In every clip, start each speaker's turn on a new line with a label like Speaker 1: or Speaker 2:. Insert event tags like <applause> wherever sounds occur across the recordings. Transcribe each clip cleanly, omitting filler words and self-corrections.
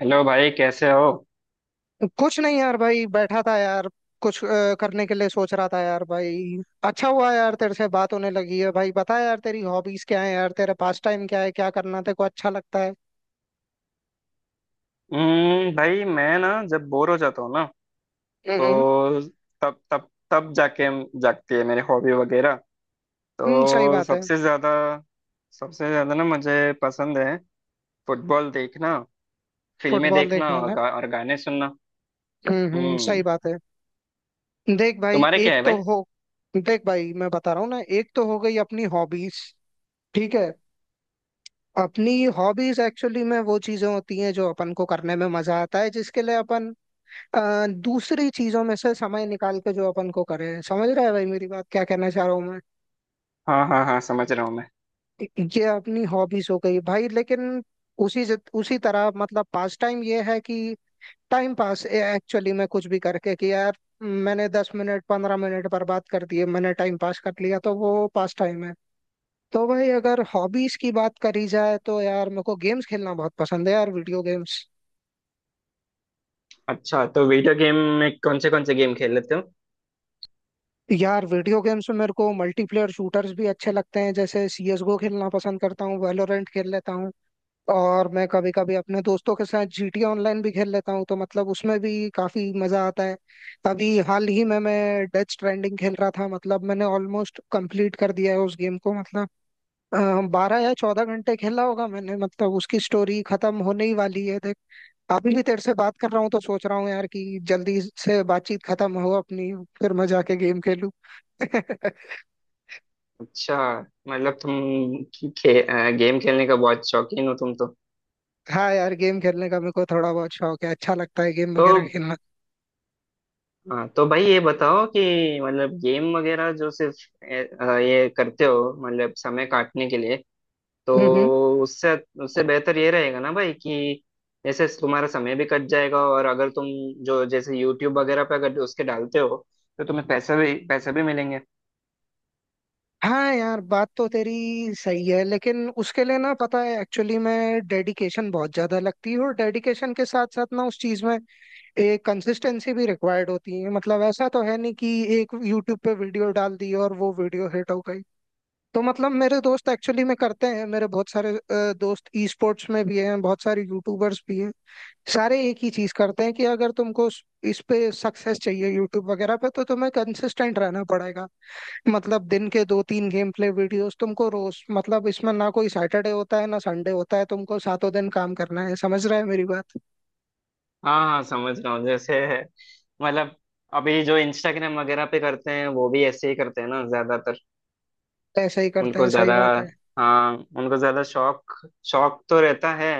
Speaker 1: Hello भाई, कैसे हो?
Speaker 2: कुछ नहीं यार भाई बैठा था यार। कुछ करने के लिए सोच रहा था यार भाई। अच्छा हुआ यार तेरे से बात होने लगी है भाई। बता यार, तेरी हॉबीज क्या है यार, तेरा पास टाइम क्या है, क्या करना तेरे को अच्छा लगता है?
Speaker 1: हम्म। भाई मैं ना जब बोर हो जाता हूँ ना
Speaker 2: हम्म
Speaker 1: तो तब तब तब जाके जागती है मेरी हॉबी वगैरह।
Speaker 2: हम्म, सही
Speaker 1: तो
Speaker 2: बात है।
Speaker 1: सबसे ज्यादा ना मुझे पसंद है फुटबॉल देखना, फिल्में
Speaker 2: फुटबॉल
Speaker 1: देखना
Speaker 2: देखना
Speaker 1: और,
Speaker 2: ना।
Speaker 1: गा, और गाने सुनना।
Speaker 2: हम्म, सही
Speaker 1: हम्म।
Speaker 2: बात है। देख भाई
Speaker 1: तुम्हारे क्या
Speaker 2: एक
Speaker 1: है
Speaker 2: तो
Speaker 1: भाई?
Speaker 2: हो देख भाई, मैं बता रहा हूँ ना, एक तो हो गई अपनी हॉबीज। ठीक है। अपनी हॉबीज एक्चुअली में वो चीजें होती हैं जो अपन को करने में मजा आता है, जिसके लिए अपन दूसरी चीजों में से समय निकाल के जो अपन को करें। समझ रहा है भाई मेरी बात, क्या कहना चाह रहा हूँ मैं?
Speaker 1: हाँ हाँ हाँ, समझ रहा हूँ मैं।
Speaker 2: ये अपनी हॉबीज हो गई भाई, लेकिन उसी तरह मतलब पास टाइम ये है कि टाइम पास एक्चुअली मैं कुछ भी करके कि यार मैंने 10 मिनट 15 मिनट बर्बाद कर दिए, मैंने टाइम पास कर लिया, तो वो पास टाइम है। तो भाई अगर हॉबीज की बात करी जाए तो यार मेरे को गेम्स खेलना बहुत पसंद है यार, वीडियो गेम्स।
Speaker 1: अच्छा, तो वीडियो गेम में कौन से गेम खेल लेते हो?
Speaker 2: यार वीडियो गेम्स में मेरे को मल्टीप्लेयर शूटर्स भी अच्छे लगते हैं, जैसे सीएसगो खेलना पसंद करता हूँ, वैलोरेंट खेल लेता हूँ, और मैं कभी कभी अपने दोस्तों के साथ जीटी ऑनलाइन भी खेल लेता हूँ, तो मतलब उसमें भी काफी मजा आता है। अभी हाल ही में मैं डेथ स्ट्रैंडिंग खेल रहा था, मतलब मैंने ऑलमोस्ट कंप्लीट कर दिया है उस गेम को। मतलब 12 या 14 घंटे खेला होगा मैंने, मतलब उसकी स्टोरी खत्म होने ही वाली है। देख अभी भी तेरे से बात कर रहा हूँ तो सोच रहा हूँ यार कि जल्दी से बातचीत खत्म हो अपनी, फिर मैं जाके गेम खेलूं। <laughs>
Speaker 1: अच्छा, मतलब तुम गेम खेलने का बहुत शौकीन हो तुम तो।
Speaker 2: हाँ यार, गेम खेलने का मेरे को थोड़ा बहुत शौक है, अच्छा लगता है गेम
Speaker 1: तो
Speaker 2: वगैरह खेलना।
Speaker 1: हाँ, तो भाई ये बताओ कि मतलब गेम वगैरह जो सिर्फ ये करते हो मतलब समय काटने के लिए। तो
Speaker 2: हम्म हम्म।
Speaker 1: उससे उससे बेहतर ये रहेगा ना भाई कि जैसे तुम्हारा समय भी कट जाएगा, और अगर तुम जो जैसे यूट्यूब वगैरह पे अगर उसके डालते हो तो तुम्हें पैसे भी मिलेंगे।
Speaker 2: हाँ यार, बात तो तेरी सही है, लेकिन उसके लिए ना पता है एक्चुअली मैं डेडिकेशन बहुत ज्यादा लगती है, और डेडिकेशन के साथ साथ ना उस चीज में एक कंसिस्टेंसी भी रिक्वायर्ड होती है। मतलब ऐसा तो है नहीं कि एक यूट्यूब पे वीडियो डाल दी और वो वीडियो हिट हो गई। तो मतलब मेरे दोस्त एक्चुअली में करते हैं, मेरे बहुत सारे दोस्त ई स्पोर्ट्स में भी हैं, बहुत सारे यूट्यूबर्स भी हैं। सारे एक ही चीज करते हैं कि अगर तुमको इस पे सक्सेस चाहिए यूट्यूब वगैरह पे तो तुम्हें कंसिस्टेंट रहना पड़ेगा। मतलब दिन के दो तीन गेम प्ले वीडियोस तुमको रोज, मतलब इसमें ना कोई सैटरडे होता है ना संडे होता है, तुमको सातों दिन काम करना है। समझ रहा है मेरी बात?
Speaker 1: हाँ हाँ, समझ रहा हूँ। जैसे मतलब अभी जो इंस्टाग्राम वगैरह पे करते हैं वो भी ऐसे ही करते हैं ना ज्यादातर।
Speaker 2: ऐसा ही करते
Speaker 1: उनको
Speaker 2: हैं, सही
Speaker 1: ज्यादा,
Speaker 2: बात है।
Speaker 1: हाँ, उनको ज्यादा शौक, शौक तो रहता है,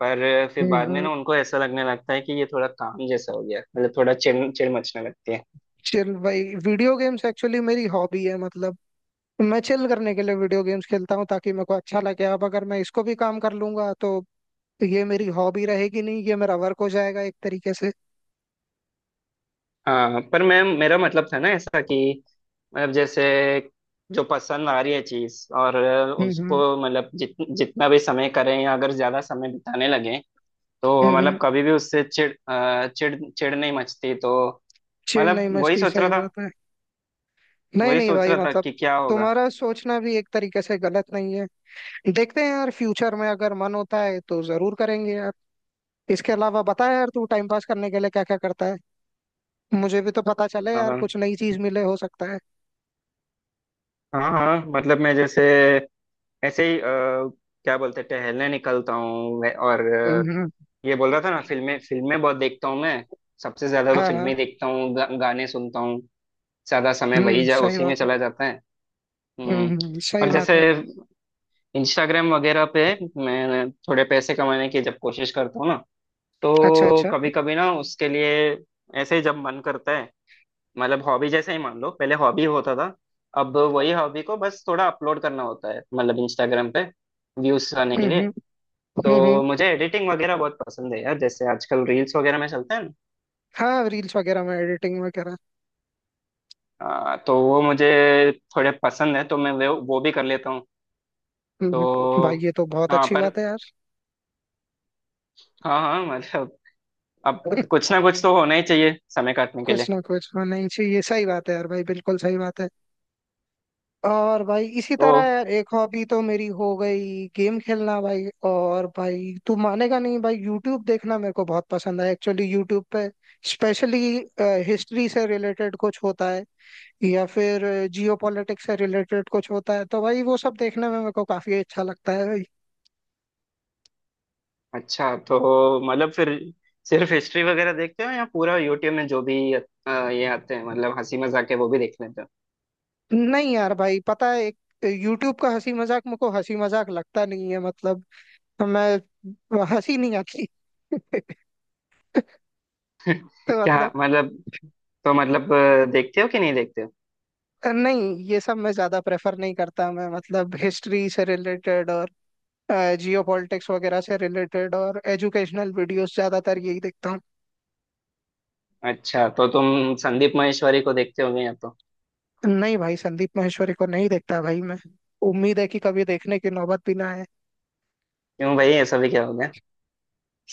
Speaker 1: पर फिर बाद में
Speaker 2: हम्म।
Speaker 1: ना उनको ऐसा लगने लगता है कि ये थोड़ा काम जैसा हो गया, मतलब थोड़ा चिड़ चिड़ मचने लगती है।
Speaker 2: चिल भाई, वीडियो गेम्स एक्चुअली मेरी हॉबी है, मतलब मैं चिल करने के लिए वीडियो गेम्स खेलता हूँ ताकि मेरे को अच्छा लगे। अब अगर मैं इसको भी काम कर लूंगा तो ये मेरी हॉबी रहेगी नहीं, ये मेरा वर्क हो जाएगा एक तरीके से।
Speaker 1: हाँ, पर मैं मेरा मतलब था ना ऐसा कि मतलब जैसे जो पसंद आ रही है चीज, और
Speaker 2: हम्म
Speaker 1: उसको
Speaker 2: हम्म
Speaker 1: मतलब जितना भी समय करें या अगर ज्यादा समय बिताने लगे तो
Speaker 2: हम्म।
Speaker 1: मतलब कभी भी उससे चिड़ चिड़ नहीं मचती तो।
Speaker 2: चिढ़ नहीं
Speaker 1: मतलब
Speaker 2: मस्ती, सही बात है। नहीं
Speaker 1: वही
Speaker 2: नहीं
Speaker 1: सोच
Speaker 2: भाई
Speaker 1: रहा था
Speaker 2: मतलब,
Speaker 1: कि क्या होगा।
Speaker 2: तुम्हारा सोचना भी एक तरीके से गलत नहीं है। देखते हैं यार, फ्यूचर में अगर मन होता है तो जरूर करेंगे यार। इसके अलावा बता यार, तू टाइम पास करने के लिए क्या क्या करता है, मुझे भी तो पता चले यार, कुछ नई चीज मिले हो सकता है।
Speaker 1: हाँ हाँ, मतलब मैं जैसे ऐसे ही क्या बोलते हैं, टहलने निकलता हूँ मैं, और
Speaker 2: हम्म हम्म,
Speaker 1: ये बोल रहा था ना, फिल्में फिल्में बहुत देखता हूँ मैं। सबसे ज्यादा तो
Speaker 2: हाँ हाँ।
Speaker 1: फिल्में देखता हूँ, गाने सुनता हूँ। ज्यादा समय वही
Speaker 2: हम्म,
Speaker 1: जा
Speaker 2: सही
Speaker 1: उसी में
Speaker 2: बात है।
Speaker 1: चला जाता है। हम्म।
Speaker 2: सही
Speaker 1: और
Speaker 2: बात
Speaker 1: जैसे
Speaker 2: है।
Speaker 1: इंस्टाग्राम वगैरह पे मैं थोड़े पैसे कमाने की जब कोशिश करता हूँ ना,
Speaker 2: अच्छा
Speaker 1: तो
Speaker 2: अच्छा।
Speaker 1: कभी कभी ना उसके लिए, ऐसे ही जब मन करता है, मतलब हॉबी जैसे ही मान लो पहले हॉबी होता था, अब वही हॉबी को बस थोड़ा अपलोड करना होता है मतलब इंस्टाग्राम पे व्यूज आने के लिए।
Speaker 2: हम्म। हम्म
Speaker 1: तो
Speaker 2: हम्म,
Speaker 1: मुझे एडिटिंग वगैरह बहुत पसंद है यार, जैसे आजकल रील्स वगैरह में चलते हैं ना।
Speaker 2: हाँ रील्स वगैरह में एडिटिंग वगैरह।
Speaker 1: तो वो मुझे थोड़े पसंद है, तो मैं वो भी कर लेता हूँ। तो
Speaker 2: भाई ये तो बहुत
Speaker 1: हाँ,
Speaker 2: अच्छी
Speaker 1: पर
Speaker 2: बात है यार।
Speaker 1: हाँ हाँ मतलब अब
Speaker 2: <laughs>
Speaker 1: कुछ ना कुछ तो होना ही चाहिए समय काटने के
Speaker 2: कुछ
Speaker 1: लिए।
Speaker 2: ना कुछ होना ही चाहिए, सही बात है यार भाई, बिल्कुल सही बात है। और भाई इसी
Speaker 1: तो
Speaker 2: तरह यार, एक हॉबी तो मेरी हो गई गेम खेलना भाई। और भाई तू मानेगा नहीं भाई, यूट्यूब देखना मेरे को बहुत पसंद है एक्चुअली। यूट्यूब पे स्पेशली हिस्ट्री से रिलेटेड कुछ होता है, या फिर जियो पॉलिटिक्स से रिलेटेड कुछ होता है, तो भाई वो सब देखने में मेरे को काफी अच्छा लगता है भाई।
Speaker 1: अच्छा, तो मतलब फिर सिर्फ हिस्ट्री वगैरह देखते हो या पूरा यूट्यूब में जो भी ये आते हैं मतलब हंसी मजाक के, वो भी देख लेते हो?
Speaker 2: नहीं यार भाई, पता है एक यूट्यूब का हंसी मजाक मेरे को हंसी मजाक लगता नहीं है। मतलब मैं हंसी नहीं आती। <laughs> तो
Speaker 1: क्या
Speaker 2: मतलब,
Speaker 1: मतलब? तो मतलब देखते हो कि नहीं देखते हो?
Speaker 2: नहीं ये सब मैं ज्यादा प्रेफर नहीं करता मैं। मतलब हिस्ट्री से रिलेटेड और जियो पॉलिटिक्स वगैरह से रिलेटेड और एजुकेशनल वीडियोस ज्यादातर यही देखता हूँ।
Speaker 1: अच्छा, तो तुम संदीप महेश्वरी को देखते होगे या तो?
Speaker 2: नहीं भाई, संदीप माहेश्वरी को नहीं देखता भाई मैं, उम्मीद है कि कभी देखने की नौबत भी ना आए।
Speaker 1: क्यों भाई, ऐसा भी क्या हो गया?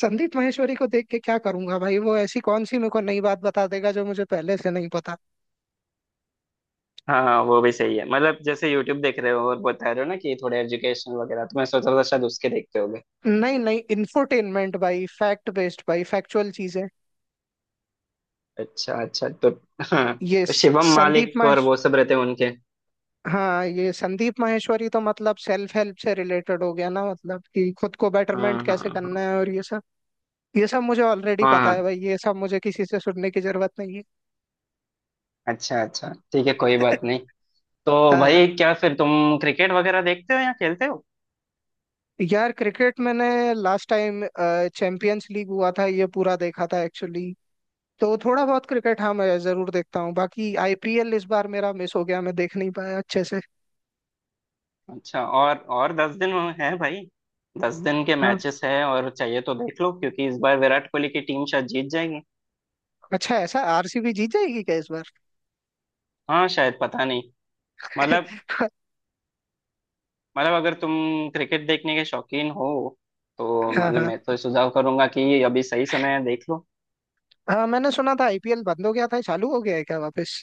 Speaker 2: संदीप माहेश्वरी को देख के क्या करूंगा भाई? वो ऐसी कौन सी मेरे को नई बात बता देगा जो मुझे पहले से नहीं पता।
Speaker 1: हाँ हाँ, वो भी सही है। मतलब जैसे यूट्यूब देख रहे हो और बता रहे हो ना कि थोड़े एजुकेशन वगैरह, तो मैं सोच रहा था शायद उसके देखते होगे।
Speaker 2: नहीं नहीं, इंफोटेनमेंट भाई, फैक्ट बेस्ड भाई, फैक्चुअल चीजें।
Speaker 1: अच्छा अच्छा। तो हाँ,
Speaker 2: ये
Speaker 1: तो शिवम
Speaker 2: संदीप
Speaker 1: मालिक और
Speaker 2: माहेश्वरी।
Speaker 1: वो सब रहते हैं उनके।
Speaker 2: हाँ ये संदीप माहेश्वरी तो मतलब सेल्फ हेल्प से रिलेटेड हो गया ना, मतलब कि खुद को बेटरमेंट
Speaker 1: हाँ हाँ
Speaker 2: कैसे करना
Speaker 1: हाँ,
Speaker 2: है और ये सब। ये सब मुझे ऑलरेडी
Speaker 1: हाँ
Speaker 2: पता है
Speaker 1: हाँ।
Speaker 2: भाई, ये सब मुझे किसी से सुनने की जरूरत नहीं है।
Speaker 1: अच्छा अच्छा, ठीक है, कोई बात नहीं।
Speaker 2: <laughs>
Speaker 1: तो
Speaker 2: हाँ।
Speaker 1: भाई क्या फिर तुम क्रिकेट वगैरह देखते हो या खेलते हो?
Speaker 2: यार क्रिकेट मैंने लास्ट टाइम चैंपियंस लीग हुआ था ये पूरा देखा था एक्चुअली। तो थोड़ा बहुत क्रिकेट हाँ मैं जरूर देखता हूँ, बाकी आईपीएल इस बार मेरा मिस हो गया, मैं देख नहीं पाया अच्छे से।
Speaker 1: अच्छा, और 10 दिन है भाई, 10 दिन के
Speaker 2: हाँ।
Speaker 1: मैचेस हैं, और चाहिए तो देख लो, क्योंकि इस बार विराट कोहली की टीम शायद जीत जाएगी।
Speaker 2: अच्छा, ऐसा आरसीबी जीत जाएगी क्या इस बार?
Speaker 1: हाँ, शायद पता नहीं। मतलब,
Speaker 2: <laughs>
Speaker 1: अगर तुम क्रिकेट देखने के शौकीन हो तो
Speaker 2: हाँ
Speaker 1: मतलब
Speaker 2: हाँ।
Speaker 1: मैं तो सुझाव करूंगा कि अभी सही समय है, देख लो।
Speaker 2: हाँ मैंने सुना था आईपीएल बंद हो गया था, चालू हो गया है क्या वापस?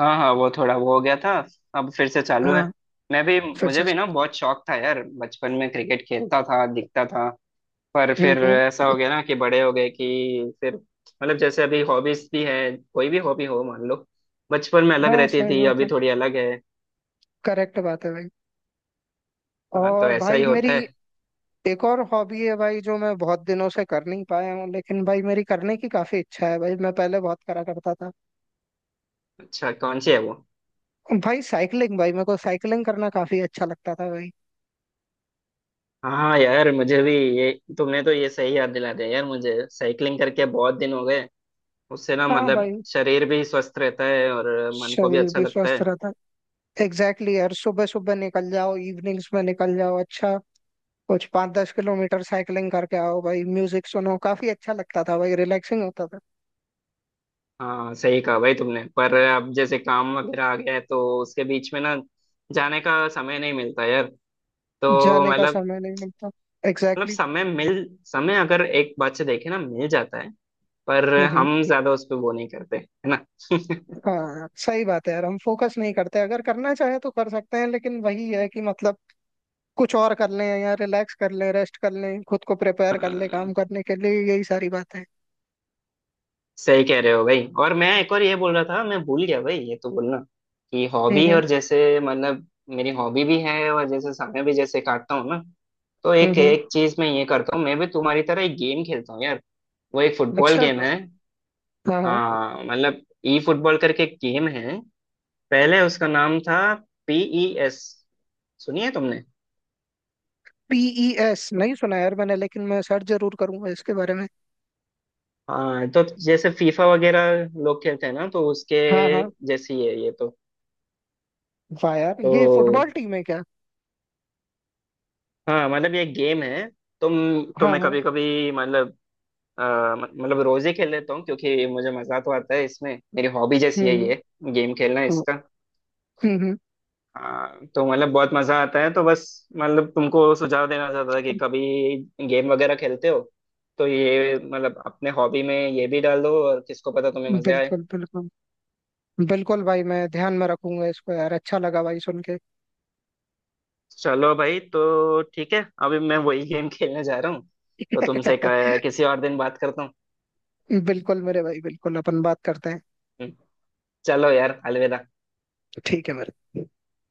Speaker 1: हाँ हाँ, वो थोड़ा वो हो गया था, अब फिर से चालू
Speaker 2: हाँ
Speaker 1: है। मैं भी
Speaker 2: फिर
Speaker 1: मुझे
Speaker 2: से
Speaker 1: भी ना
Speaker 2: सर।
Speaker 1: बहुत शौक था यार, बचपन में क्रिकेट खेलता था, दिखता था, पर फिर ऐसा
Speaker 2: हम्म।
Speaker 1: हो गया ना कि बड़े हो गए, कि फिर मतलब जैसे अभी हॉबीज भी है, कोई भी हॉबी हो मान लो, बचपन में अलग
Speaker 2: हाँ
Speaker 1: रहती
Speaker 2: सही
Speaker 1: थी,
Speaker 2: बात
Speaker 1: अभी
Speaker 2: है,
Speaker 1: थोड़ी अलग है।
Speaker 2: करेक्ट बात है भाई।
Speaker 1: हाँ, तो
Speaker 2: और
Speaker 1: ऐसा
Speaker 2: भाई
Speaker 1: ही
Speaker 2: मेरी
Speaker 1: होता है।
Speaker 2: एक और हॉबी है भाई, जो मैं बहुत दिनों से कर नहीं पाया हूँ, लेकिन भाई मेरी करने की काफी इच्छा है भाई, मैं पहले बहुत करा करता था।
Speaker 1: अच्छा, कौन सी है वो?
Speaker 2: भाई साइकिलिंग भाई, मेरे को साइकिलिंग करना काफी अच्छा लगता था भाई।
Speaker 1: हाँ यार मुझे भी ये, तुमने तो ये सही याद दिला दिया यार, मुझे साइकिलिंग करके बहुत दिन हो गए। उससे ना
Speaker 2: हाँ
Speaker 1: मतलब
Speaker 2: भाई,
Speaker 1: शरीर भी स्वस्थ रहता है, और मन को भी
Speaker 2: शरीर
Speaker 1: अच्छा
Speaker 2: भी
Speaker 1: लगता
Speaker 2: स्वस्थ
Speaker 1: है।
Speaker 2: रहता। एग्जैक्टली exactly यार, सुबह सुबह निकल जाओ, इवनिंग्स में निकल जाओ, अच्छा कुछ 5-10 किलोमीटर साइकिलिंग करके आओ भाई, म्यूजिक सुनो, काफी अच्छा लगता था भाई, रिलैक्सिंग होता था।
Speaker 1: हाँ, सही कहा भाई तुमने, पर अब जैसे काम वगैरह आ गया है तो उसके बीच में ना जाने का समय नहीं मिलता यार। तो
Speaker 2: जाने का
Speaker 1: मतलब,
Speaker 2: समय नहीं मिलता।
Speaker 1: मतलब
Speaker 2: एग्जैक्टली exactly।
Speaker 1: समय अगर एक बात से देखे ना मिल जाता है, पर
Speaker 2: हम्म हम्म।
Speaker 1: हम ज्यादा उस पे वो नहीं करते है ना। <laughs>
Speaker 2: हाँ सही बात है यार, हम फोकस नहीं करते। अगर करना चाहे तो कर सकते हैं, लेकिन वही है कि मतलब कुछ और कर लें या रिलैक्स कर लें, रेस्ट कर लें, खुद को
Speaker 1: अ,
Speaker 2: प्रिपेयर कर लें काम करने के लिए, यही सारी बात है।
Speaker 1: सही कह रहे हो भाई। और मैं एक और ये बोल रहा था, मैं भूल गया भाई ये तो बोलना, कि हॉबी
Speaker 2: हम्म।
Speaker 1: और जैसे मतलब मेरी हॉबी भी है और जैसे समय भी जैसे काटता हूँ ना, तो
Speaker 2: हम्म
Speaker 1: एक
Speaker 2: हम्म।
Speaker 1: एक चीज मैं ये करता हूँ, मैं भी तुम्हारी तरह एक गेम खेलता हूँ यार। वो एक फुटबॉल
Speaker 2: अच्छा।
Speaker 1: गेम है।
Speaker 2: हाँ हाँ।
Speaker 1: हाँ मतलब, ई फुटबॉल करके एक गेम है, पहले उसका नाम था PES, सुनिए तुमने?
Speaker 2: पीईएस नहीं सुना यार मैंने, लेकिन मैं सर्च जरूर करूंगा इसके बारे में।
Speaker 1: हाँ, तो जैसे फीफा वगैरह लोग खेलते हैं ना तो उसके
Speaker 2: हाँ हाँ।
Speaker 1: जैसी है ये तो।
Speaker 2: वाह यार, ये फुटबॉल
Speaker 1: तो
Speaker 2: टीम है क्या?
Speaker 1: हाँ मतलब ये गेम है। तो तो
Speaker 2: हाँ
Speaker 1: मैं
Speaker 2: हाँ।
Speaker 1: कभी कभी मतलब अ, मतलब रोज ही खेल लेता हूँ, क्योंकि मुझे मजा तो आता है, इसमें मेरी हॉबी जैसी है
Speaker 2: हम्म
Speaker 1: ये, गेम खेलना
Speaker 2: हम्म।
Speaker 1: इसका।
Speaker 2: हम्म हम्म।
Speaker 1: हाँ तो मतलब बहुत मजा आता है, तो बस मतलब तुमको सुझाव देना चाहता था कि कभी गेम वगैरह खेलते हो तो ये मतलब अपने हॉबी में ये भी डाल दो, और किसको पता तुम्हें मजे आए।
Speaker 2: बिल्कुल बिल्कुल। बिल्कुल भाई, मैं ध्यान में रखूंगा इसको यार, अच्छा लगा भाई सुन के।
Speaker 1: चलो भाई, तो ठीक है, अभी मैं वही गेम खेलने जा रहा हूँ, तो तुमसे
Speaker 2: <laughs>
Speaker 1: किसी और दिन बात करता हूँ।
Speaker 2: बिल्कुल मेरे भाई, बिल्कुल अपन बात करते हैं।
Speaker 1: हम्म। चलो यार, अलविदा।
Speaker 2: ठीक है मेरे